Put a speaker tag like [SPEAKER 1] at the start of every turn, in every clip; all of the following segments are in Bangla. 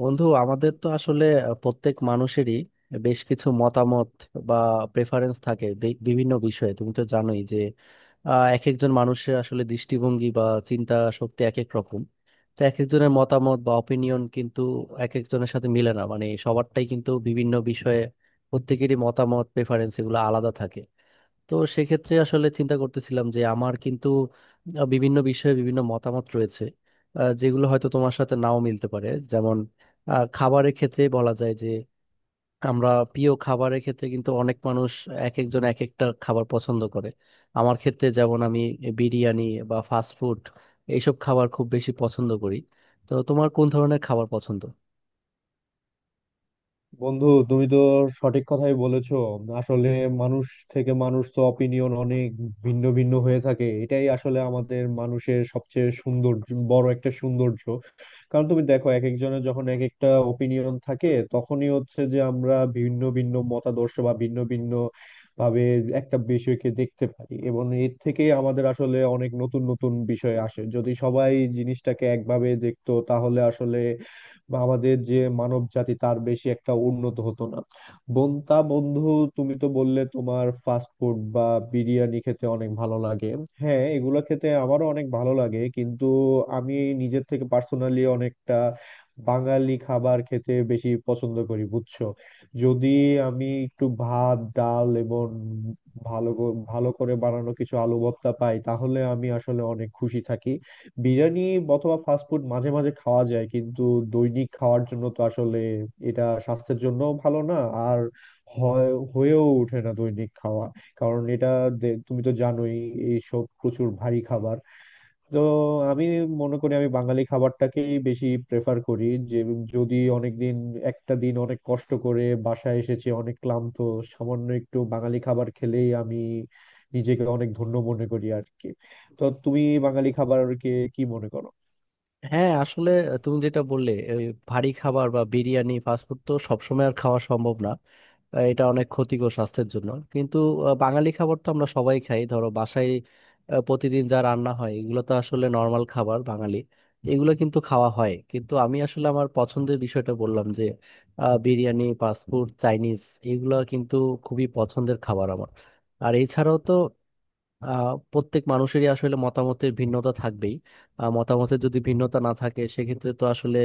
[SPEAKER 1] বন্ধু আমাদের তো আসলে প্রত্যেক মানুষেরই বেশ কিছু মতামত বা প্রেফারেন্স থাকে বিভিন্ন বিষয়ে তুমি তো জানোই যে এক একজন মানুষের আসলে দৃষ্টিভঙ্গি বা চিন্তা শক্তি এক এক রকম। তো এক একজনের মতামত বা অপিনিয়ন কিন্তু এক একজনের সাথে মিলে না, মানে সবারটাই কিন্তু বিভিন্ন বিষয়ে প্রত্যেকেরই মতামত, প্রেফারেন্স এগুলো আলাদা থাকে। তো সেক্ষেত্রে আসলে চিন্তা করতেছিলাম যে আমার কিন্তু বিভিন্ন বিষয়ে বিভিন্ন মতামত রয়েছে, যেগুলো হয়তো তোমার সাথে নাও মিলতে পারে। যেমন খাবারের ক্ষেত্রে বলা যায় যে আমরা প্রিয় খাবারের ক্ষেত্রে কিন্তু অনেক মানুষ এক একজন এক একটা খাবার পছন্দ করে। আমার ক্ষেত্রে যেমন আমি বিরিয়ানি বা ফাস্ট ফুড এইসব খাবার খুব বেশি পছন্দ করি। তো তোমার কোন ধরনের খাবার পছন্দ?
[SPEAKER 2] বন্ধু, তুমি তো সঠিক কথাই বলেছো। আসলে মানুষ থেকে মানুষ তো অপিনিয়ন অনেক ভিন্ন ভিন্ন হয়ে থাকে। এটাই আসলে আমাদের মানুষের সবচেয়ে সুন্দর বড় একটা সৌন্দর্য। কারণ তুমি দেখো, এক একজনের যখন এক একটা ওপিনিয়ন থাকে, তখনই হচ্ছে যে আমরা ভিন্ন ভিন্ন মতাদর্শ বা ভিন্ন ভিন্ন ভাবে একটা বিষয়কে দেখতে পারি, এবং এর থেকে আমাদের আসলে অনেক নতুন নতুন বিষয় আসে। যদি সবাই জিনিসটাকে একভাবে দেখতো, তাহলে আসলে আমাদের যে মানব জাতি, তার বেশি একটা উন্নত হতো না। বোন তা বন্ধু তুমি তো বললে তোমার ফাস্ট ফুড বা বিরিয়ানি খেতে অনেক ভালো লাগে। হ্যাঁ, এগুলো খেতে আমারও অনেক ভালো লাগে, কিন্তু আমি নিজের থেকে পার্সোনালি অনেকটা বাঙালি খাবার খেতে বেশি পছন্দ করি, বুঝছো? যদি আমি একটু ভাত ডাল এবং ভালো করে বানানো কিছু আলু ভর্তা পাই, তাহলে আমি আসলে অনেক খুশি থাকি। বিরিয়ানি অথবা ফাস্টফুড মাঝে মাঝে খাওয়া যায়, কিন্তু দৈনিক খাওয়ার জন্য তো আসলে এটা স্বাস্থ্যের জন্য ভালো না। আর হয় হয়েও ওঠে না দৈনিক খাওয়া, কারণ এটা তুমি তো জানোই, এইসব প্রচুর ভারী খাবার। তো আমি মনে করি আমি বাঙালি খাবারটাকেই বেশি প্রেফার করি। যে যদি অনেকদিন, একটা দিন অনেক কষ্ট করে বাসায় এসেছি, অনেক ক্লান্ত, সামান্য একটু বাঙালি খাবার খেলেই আমি নিজেকে অনেক ধন্য মনে করি আর কি। তো তুমি বাঙালি খাবারকে কি মনে করো?
[SPEAKER 1] হ্যাঁ আসলে তুমি যেটা বললে ওই ভারী খাবার বা বিরিয়ানি ফাস্টফুড তো সবসময় আর খাওয়া সম্ভব না। এটা অনেক ক্ষতিকর স্বাস্থ্যের জন্য, কিন্তু বাঙালি খাবার তো আমরা সবাই খাই। ধরো বাসায় প্রতিদিন যা রান্না হয় এগুলো তো আসলে নর্মাল খাবার, বাঙালি এগুলো কিন্তু খাওয়া হয়। কিন্তু আমি আসলে আমার পছন্দের বিষয়টা বললাম যে বিরিয়ানি, ফাস্টফুড, চাইনিজ এগুলো কিন্তু খুবই পছন্দের খাবার আমার। আর এছাড়াও তো প্রত্যেক মানুষেরই আসলে মতামতের ভিন্নতা থাকবেই। মতামতের যদি ভিন্নতা না থাকে সেক্ষেত্রে তো আসলে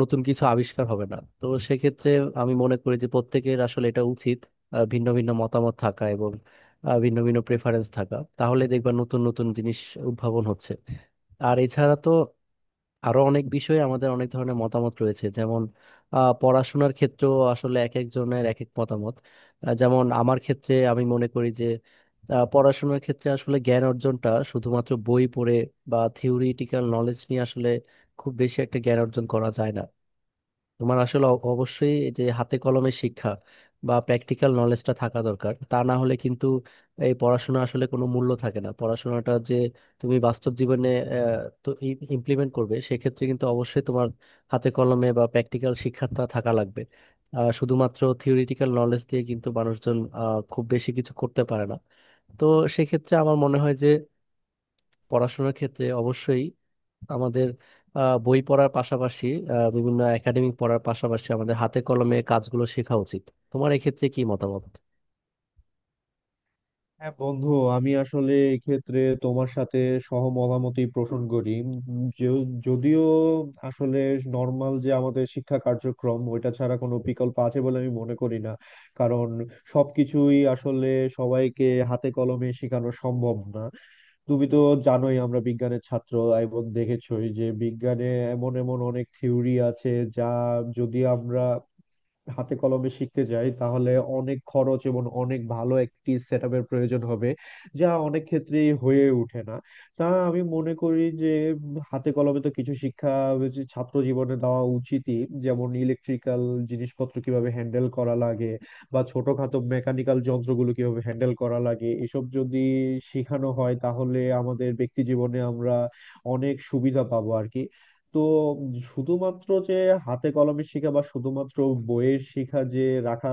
[SPEAKER 1] নতুন কিছু আবিষ্কার হবে না। তো সেক্ষেত্রে আমি মনে করি যে প্রত্যেকের আসলে এটা উচিত ভিন্ন ভিন্ন মতামত থাকা এবং ভিন্ন ভিন্ন প্রেফারেন্স থাকা, তাহলে দেখবা নতুন নতুন জিনিস উদ্ভাবন হচ্ছে। আর এছাড়া তো আরো অনেক বিষয়ে আমাদের অনেক ধরনের মতামত রয়েছে, যেমন পড়াশোনার ক্ষেত্রেও আসলে এক একজনের এক এক মতামত। যেমন আমার ক্ষেত্রে আমি মনে করি যে পড়াশোনার ক্ষেত্রে আসলে জ্ঞান অর্জনটা শুধুমাত্র বই পড়ে বা থিওরিটিক্যাল নলেজ নিয়ে আসলে খুব বেশি একটা জ্ঞান অর্জন করা যায় না। তোমার আসলে অবশ্যই যে হাতে কলমে শিক্ষা বা প্র্যাকটিক্যাল নলেজটা থাকা দরকার, তা না হলে কিন্তু এই পড়াশোনা আসলে কোনো মূল্য থাকে না। পড়াশোনাটা যে তুমি বাস্তব জীবনে আহ, তো ইমপ্লিমেন্ট করবে, সেক্ষেত্রে কিন্তু অবশ্যই তোমার হাতে কলমে বা প্র্যাকটিক্যাল শিক্ষাটা থাকা লাগবে। শুধুমাত্র থিওরিটিক্যাল নলেজ দিয়ে কিন্তু মানুষজন খুব বেশি কিছু করতে পারে না। তো সেক্ষেত্রে আমার মনে হয় যে পড়াশোনার ক্ষেত্রে অবশ্যই আমাদের বই পড়ার পাশাপাশি বিভিন্ন একাডেমিক পড়ার পাশাপাশি আমাদের হাতে কলমে কাজগুলো শেখা উচিত। তোমার এক্ষেত্রে কি মতামত?
[SPEAKER 2] হ্যাঁ বন্ধু, আমি আসলে এক্ষেত্রে তোমার সাথে সহমতামতই পোষণ করি। যদিও আসলে নর্মাল যে আমাদের শিক্ষা কার্যক্রম, ওইটা ছাড়া কোনো বিকল্প আছে বলে আমি মনে করি না। কারণ সবকিছুই আসলে সবাইকে হাতে কলমে শেখানো সম্ভব না। তুমি তো জানোই আমরা বিজ্ঞানের ছাত্র, এবং দেখেছোই যে বিজ্ঞানে এমন এমন অনেক থিওরি আছে যা, যদি আমরা হাতে কলমে শিখতে যাই, তাহলে অনেক খরচ এবং অনেক ভালো একটি সেট আপের প্রয়োজন হবে, যা অনেক ক্ষেত্রেই হয়ে ওঠে না। তা আমি মনে করি যে হাতে কলমে তো কিছু শিক্ষা যে ছাত্র জীবনে দেওয়া উচিতই, যেমন ইলেকট্রিক্যাল জিনিসপত্র কিভাবে হ্যান্ডেল করা লাগে, বা ছোটখাটো মেকানিক্যাল যন্ত্রগুলো কিভাবে হ্যান্ডেল করা লাগে, এসব যদি শেখানো হয় তাহলে আমাদের ব্যক্তি জীবনে আমরা অনেক সুবিধা পাবো আর কি। তো শুধুমাত্র যে হাতে কলমে শেখা বা শুধুমাত্র বইয়ের শিখা যে রাখা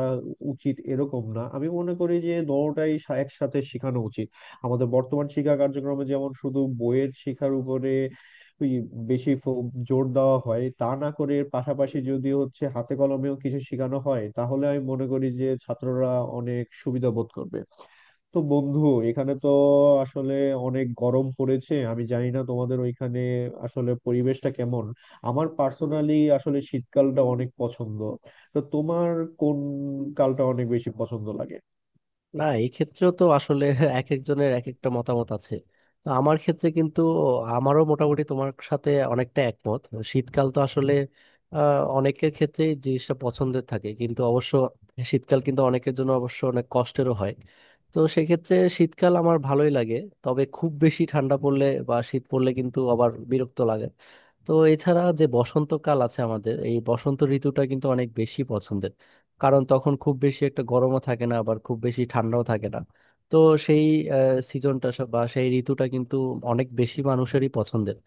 [SPEAKER 2] উচিত, এরকম না। আমি মনে করি যে একসাথে শেখানো উচিত। আমাদের বর্তমান শিক্ষা কার্যক্রমে যেমন শুধু বইয়ের শিক্ষার উপরে ওই বেশি জোর দেওয়া হয়, তা না করে এর পাশাপাশি যদি হচ্ছে হাতে কলমেও কিছু শেখানো হয়, তাহলে আমি মনে করি যে ছাত্ররা অনেক সুবিধা বোধ করবে। তো বন্ধু, এখানে তো আসলে অনেক গরম পড়েছে। আমি জানি না তোমাদের ওইখানে আসলে পরিবেশটা কেমন। আমার পার্সোনালি আসলে শীতকালটা অনেক পছন্দ। তো তোমার কোন কালটা অনেক বেশি পছন্দ লাগে?
[SPEAKER 1] না, এক্ষেত্রেও তো আসলে এক একজনের এক একটা মতামত আছে। তো আমার ক্ষেত্রে কিন্তু আমারও মোটামুটি তোমার সাথে অনেকটা একমত। শীতকাল তো আসলে আহ, অনেকের ক্ষেত্রে জিনিসটা পছন্দের থাকে, কিন্তু অবশ্য শীতকাল কিন্তু অনেকের জন্য অবশ্য অনেক কষ্টেরও হয়। তো সেক্ষেত্রে শীতকাল আমার ভালোই লাগে, তবে খুব বেশি ঠান্ডা পড়লে বা শীত পড়লে কিন্তু আবার বিরক্ত লাগে। তো এছাড়া যে বসন্তকাল আছে আমাদের, এই বসন্ত ঋতুটা কিন্তু অনেক বেশি পছন্দের, কারণ তখন খুব বেশি একটা গরমও থাকে না আবার খুব বেশি ঠান্ডাও থাকে না। তো সেই সিজনটা বা সেই ঋতুটা কিন্তু অনেক বেশি মানুষেরই পছন্দের।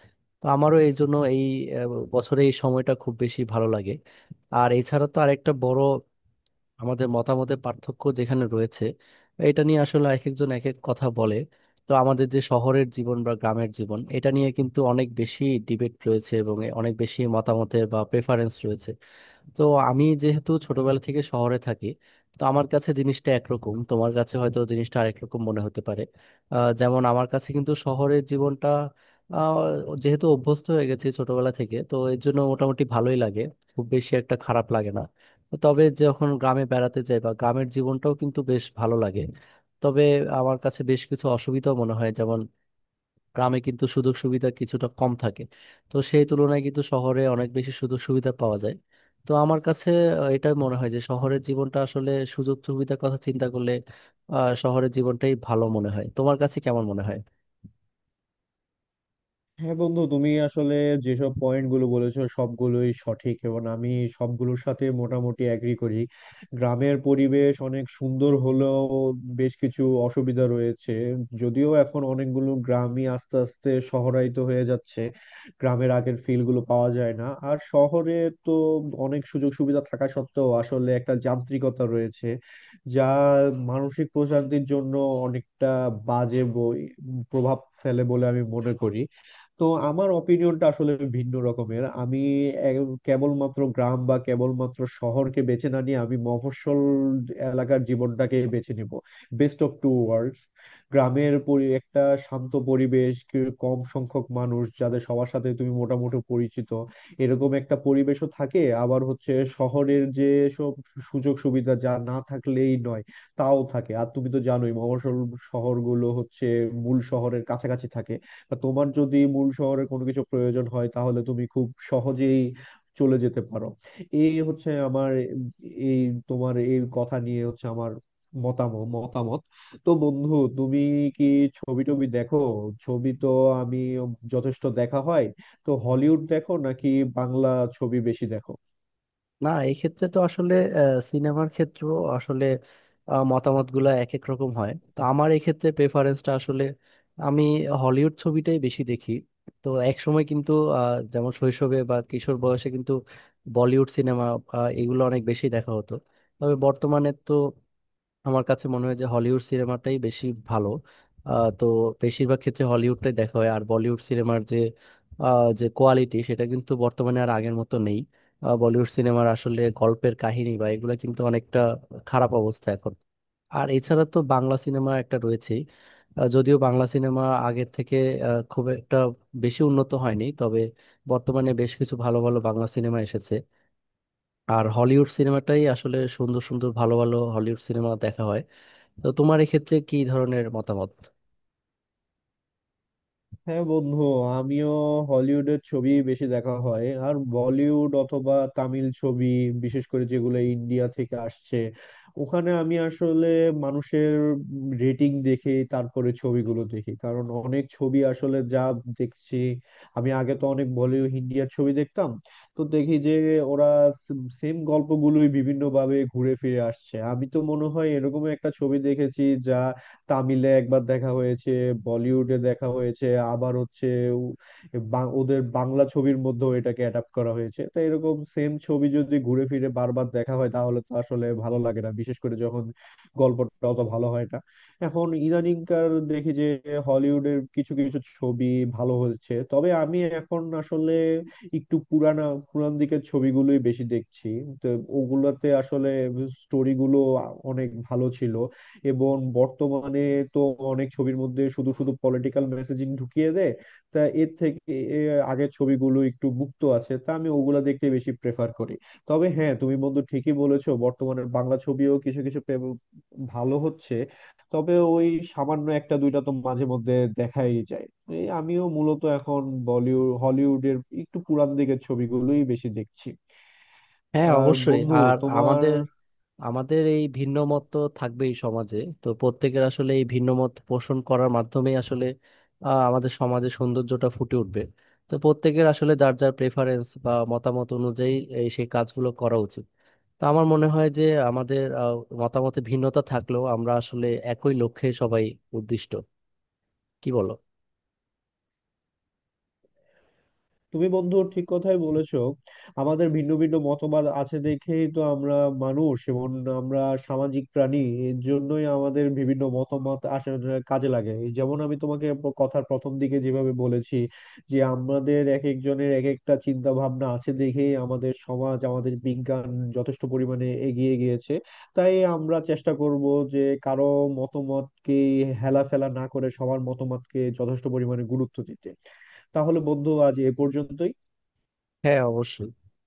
[SPEAKER 1] তো আমারও এই জন্য এই বছরে এই সময়টা খুব বেশি ভালো লাগে। আর এছাড়া তো আরেকটা বড় আমাদের মতামতের পার্থক্য যেখানে রয়েছে, এটা নিয়ে আসলে এক একজন এক এক কথা বলে। তো আমাদের যে শহরের জীবন বা গ্রামের জীবন এটা নিয়ে কিন্তু অনেক বেশি ডিবেট রয়েছে এবং অনেক বেশি মতামতের বা প্রেফারেন্স রয়েছে। তো আমি যেহেতু ছোটবেলা থেকে শহরে থাকি, তো আমার কাছে জিনিসটা একরকম, তোমার কাছে হয়তো জিনিসটা আরেকরকম মনে হতে পারে। যেমন আমার কাছে কিন্তু শহরের জীবনটা আহ, যেহেতু অভ্যস্ত হয়ে গেছি ছোটবেলা থেকে, তো এর জন্য মোটামুটি ভালোই লাগে, খুব বেশি একটা খারাপ লাগে না। তবে যখন গ্রামে বেড়াতে যাই বা গ্রামের জীবনটাও কিন্তু বেশ ভালো লাগে, তবে আমার কাছে বেশ কিছু অসুবিধাও মনে হয়, যেমন গ্রামে কিন্তু সুযোগ সুবিধা কিছুটা কম থাকে। তো সেই তুলনায় কিন্তু শহরে অনেক বেশি সুযোগ সুবিধা পাওয়া যায়। তো আমার কাছে এটা মনে হয় যে শহরের জীবনটা আসলে সুযোগ সুবিধার কথা চিন্তা করলে শহরের জীবনটাই ভালো মনে হয়। তোমার কাছে কেমন মনে হয়?
[SPEAKER 2] হ্যাঁ বন্ধু, তুমি আসলে যেসব পয়েন্ট গুলো বলেছো সবগুলোই সঠিক, এবং আমি সবগুলোর সাথে মোটামুটি এগ্রি করি। গ্রামের পরিবেশ অনেক সুন্দর হলেও বেশ কিছু অসুবিধা রয়েছে। যদিও এখন অনেকগুলো গ্রামই আস্তে আস্তে শহরায়িত হয়ে যাচ্ছে, গ্রামের আগের ফিল গুলো পাওয়া যায় না। আর শহরে তো অনেক সুযোগ সুবিধা থাকা সত্ত্বেও আসলে একটা যান্ত্রিকতা রয়েছে, যা মানসিক প্রশান্তির জন্য অনেকটা বাজে বই- প্রভাব ফেলে বলে আমি মনে করি। তো আমার অপিনিয়নটা আসলে ভিন্ন রকমের। আমি কেবলমাত্র গ্রাম বা কেবলমাত্র শহরকে বেছে না নিয়ে আমি মফস্বল এলাকার জীবনটাকে বেছে নিব। Best of two worlds. গ্রামের পরি একটা শান্ত পরিবেশ, কম সংখ্যক মানুষ যাদের সবার সাথে তুমি মোটামুটি পরিচিত, এরকম একটা পরিবেশও থাকে, আবার হচ্ছে শহরের যে সব সুযোগ সুবিধা যা না থাকলেই নয়, তাও থাকে। আর তুমি তো জানোই মফস্বল শহরগুলো হচ্ছে মূল শহরের কাছাকাছি থাকে। আর তোমার যদি মূল শহরে কোনো কিছু প্রয়োজন হয়, তাহলে তুমি খুব সহজেই চলে যেতে পারো। এই হচ্ছে আমার এই তোমার এই কথা নিয়ে হচ্ছে আমার মতামত মতামত তো বন্ধু, তুমি কি ছবি টবি দেখো? ছবি তো আমি যথেষ্ট দেখা হয়। তো হলিউড দেখো নাকি বাংলা ছবি বেশি দেখো?
[SPEAKER 1] না, এক্ষেত্রে তো আসলে সিনেমার ক্ষেত্র আসলে মতামত গুলা এক এক রকম হয়। তো আমার এক্ষেত্রে প্রেফারেন্সটা আসলে আমি হলিউড ছবিটাই বেশি দেখি। তো একসময় কিন্তু যেমন শৈশবে বা কিশোর বয়সে কিন্তু বলিউড সিনেমা এগুলো অনেক বেশি দেখা হতো, তবে বর্তমানে তো আমার কাছে মনে হয় যে হলিউড সিনেমাটাই বেশি ভালো। আহ, তো বেশিরভাগ ক্ষেত্রে হলিউডটাই দেখা হয়। আর বলিউড সিনেমার যে যে কোয়ালিটি সেটা কিন্তু বর্তমানে আর আগের মতো নেই। বলিউড সিনেমার আসলে গল্পের কাহিনী বা এগুলো কিন্তু অনেকটা খারাপ অবস্থা এখন। আর এছাড়া তো বাংলা সিনেমা একটা রয়েছেই, যদিও বাংলা সিনেমা আগের থেকে খুব একটা বেশি উন্নত হয়নি, তবে বর্তমানে বেশ কিছু ভালো ভালো বাংলা সিনেমা এসেছে। আর হলিউড সিনেমাটাই আসলে সুন্দর সুন্দর ভালো ভালো হলিউড সিনেমা দেখা হয়। তো তোমার এক্ষেত্রে কি ধরনের মতামত?
[SPEAKER 2] হ্যাঁ বন্ধু, আমিও হলিউডের ছবি বেশি দেখা হয়। আর বলিউড অথবা তামিল ছবি, বিশেষ করে যেগুলো ইন্ডিয়া থেকে আসছে, ওখানে আমি আসলে মানুষের রেটিং দেখে তারপরে ছবিগুলো দেখি। কারণ অনেক ছবি আসলে, যা দেখছি, আমি আগে তো অনেক বলিউড ইন্ডিয়ার ছবি দেখতাম, তো দেখি যে ওরা সেম গল্পগুলোই বিভিন্ন ভাবে ঘুরে ফিরে আসছে। আমি তো মনে হয় এরকম একটা ছবি দেখেছি যা তামিলে একবার দেখা হয়েছে, বলিউডে দেখা হয়েছে, আবার হচ্ছে উ- ওদের বাংলা ছবির মধ্যেও এটাকে অ্যাডাপ্ট করা হয়েছে। তো এরকম সেম ছবি যদি ঘুরে ফিরে বারবার দেখা হয়, তাহলে তো আসলে ভালো লাগে না, বিশেষ করে যখন গল্পটা অত ভালো হয় না। এখন ইদানিংকার দেখি যে হলিউডের কিছু কিছু ছবি ভালো হচ্ছে, তবে আমি এখন আসলে একটু পুরানা পুরান দিকের ছবিগুলোই বেশি দেখছি। তো ওগুলাতে আসলে স্টোরি গুলো অনেক ভালো ছিল। এবং বর্তমানে তো অনেক ছবির মধ্যে শুধু শুধু পলিটিক্যাল মেসেজিং ঢুকিয়ে দেয়। তা এর থেকে আগের ছবিগুলো একটু মুক্ত আছে, তা আমি ওগুলা দেখতে বেশি প্রেফার করি। তবে হ্যাঁ, তুমি বন্ধু ঠিকই বলেছো, বর্তমানে বাংলা ছবিও কিছু কিছু ভালো হচ্ছে। তবে ওই সামান্য একটা দুইটা তো মাঝে মধ্যে দেখাই যায়। এই আমিও মূলত এখন বলিউড হলিউডের একটু পুরান দিকের ছবিগুলোই বেশি দেখছি।
[SPEAKER 1] হ্যাঁ
[SPEAKER 2] আর
[SPEAKER 1] অবশ্যই।
[SPEAKER 2] বন্ধু
[SPEAKER 1] আর
[SPEAKER 2] তোমার
[SPEAKER 1] আমাদের আমাদের এই ভিন্ন মত তো থাকবেই সমাজে। তো প্রত্যেকের আসলে এই ভিন্ন মত পোষণ করার মাধ্যমেই আসলে আমাদের সমাজে সৌন্দর্যটা ফুটে উঠবে। তো প্রত্যেকের আসলে যার যার প্রেফারেন্স বা মতামত অনুযায়ী এই সেই কাজগুলো করা উচিত। তো আমার মনে হয় যে আমাদের মতামতে ভিন্নতা থাকলেও আমরা আসলে একই লক্ষ্যে সবাই উদ্দিষ্ট। কি বলো?
[SPEAKER 2] তুমি বন্ধু ঠিক কথাই বলেছো। আমাদের ভিন্ন ভিন্ন মতবাদ আছে দেখেই তো আমরা মানুষ, এবং আমরা সামাজিক প্রাণী। এর জন্যই আমাদের বিভিন্ন মতামত আসলে কাজে লাগে। এই যেমন আমি তোমাকে কথার প্রথম দিকে যেভাবে বলেছি, যে আমাদের এক একজনের এক একটা চিন্তা ভাবনা আছে দেখেই আমাদের সমাজ, আমাদের বিজ্ঞান যথেষ্ট পরিমাণে এগিয়ে গিয়েছে। তাই আমরা চেষ্টা করব যে কারো মতামতকে হেলা ফেলা না করে সবার মতামতকে যথেষ্ট পরিমাণে গুরুত্ব দিতে। তাহলে বন্ধু, আজ এ পর্যন্তই।
[SPEAKER 1] হ্যাঁ অবশ্যই।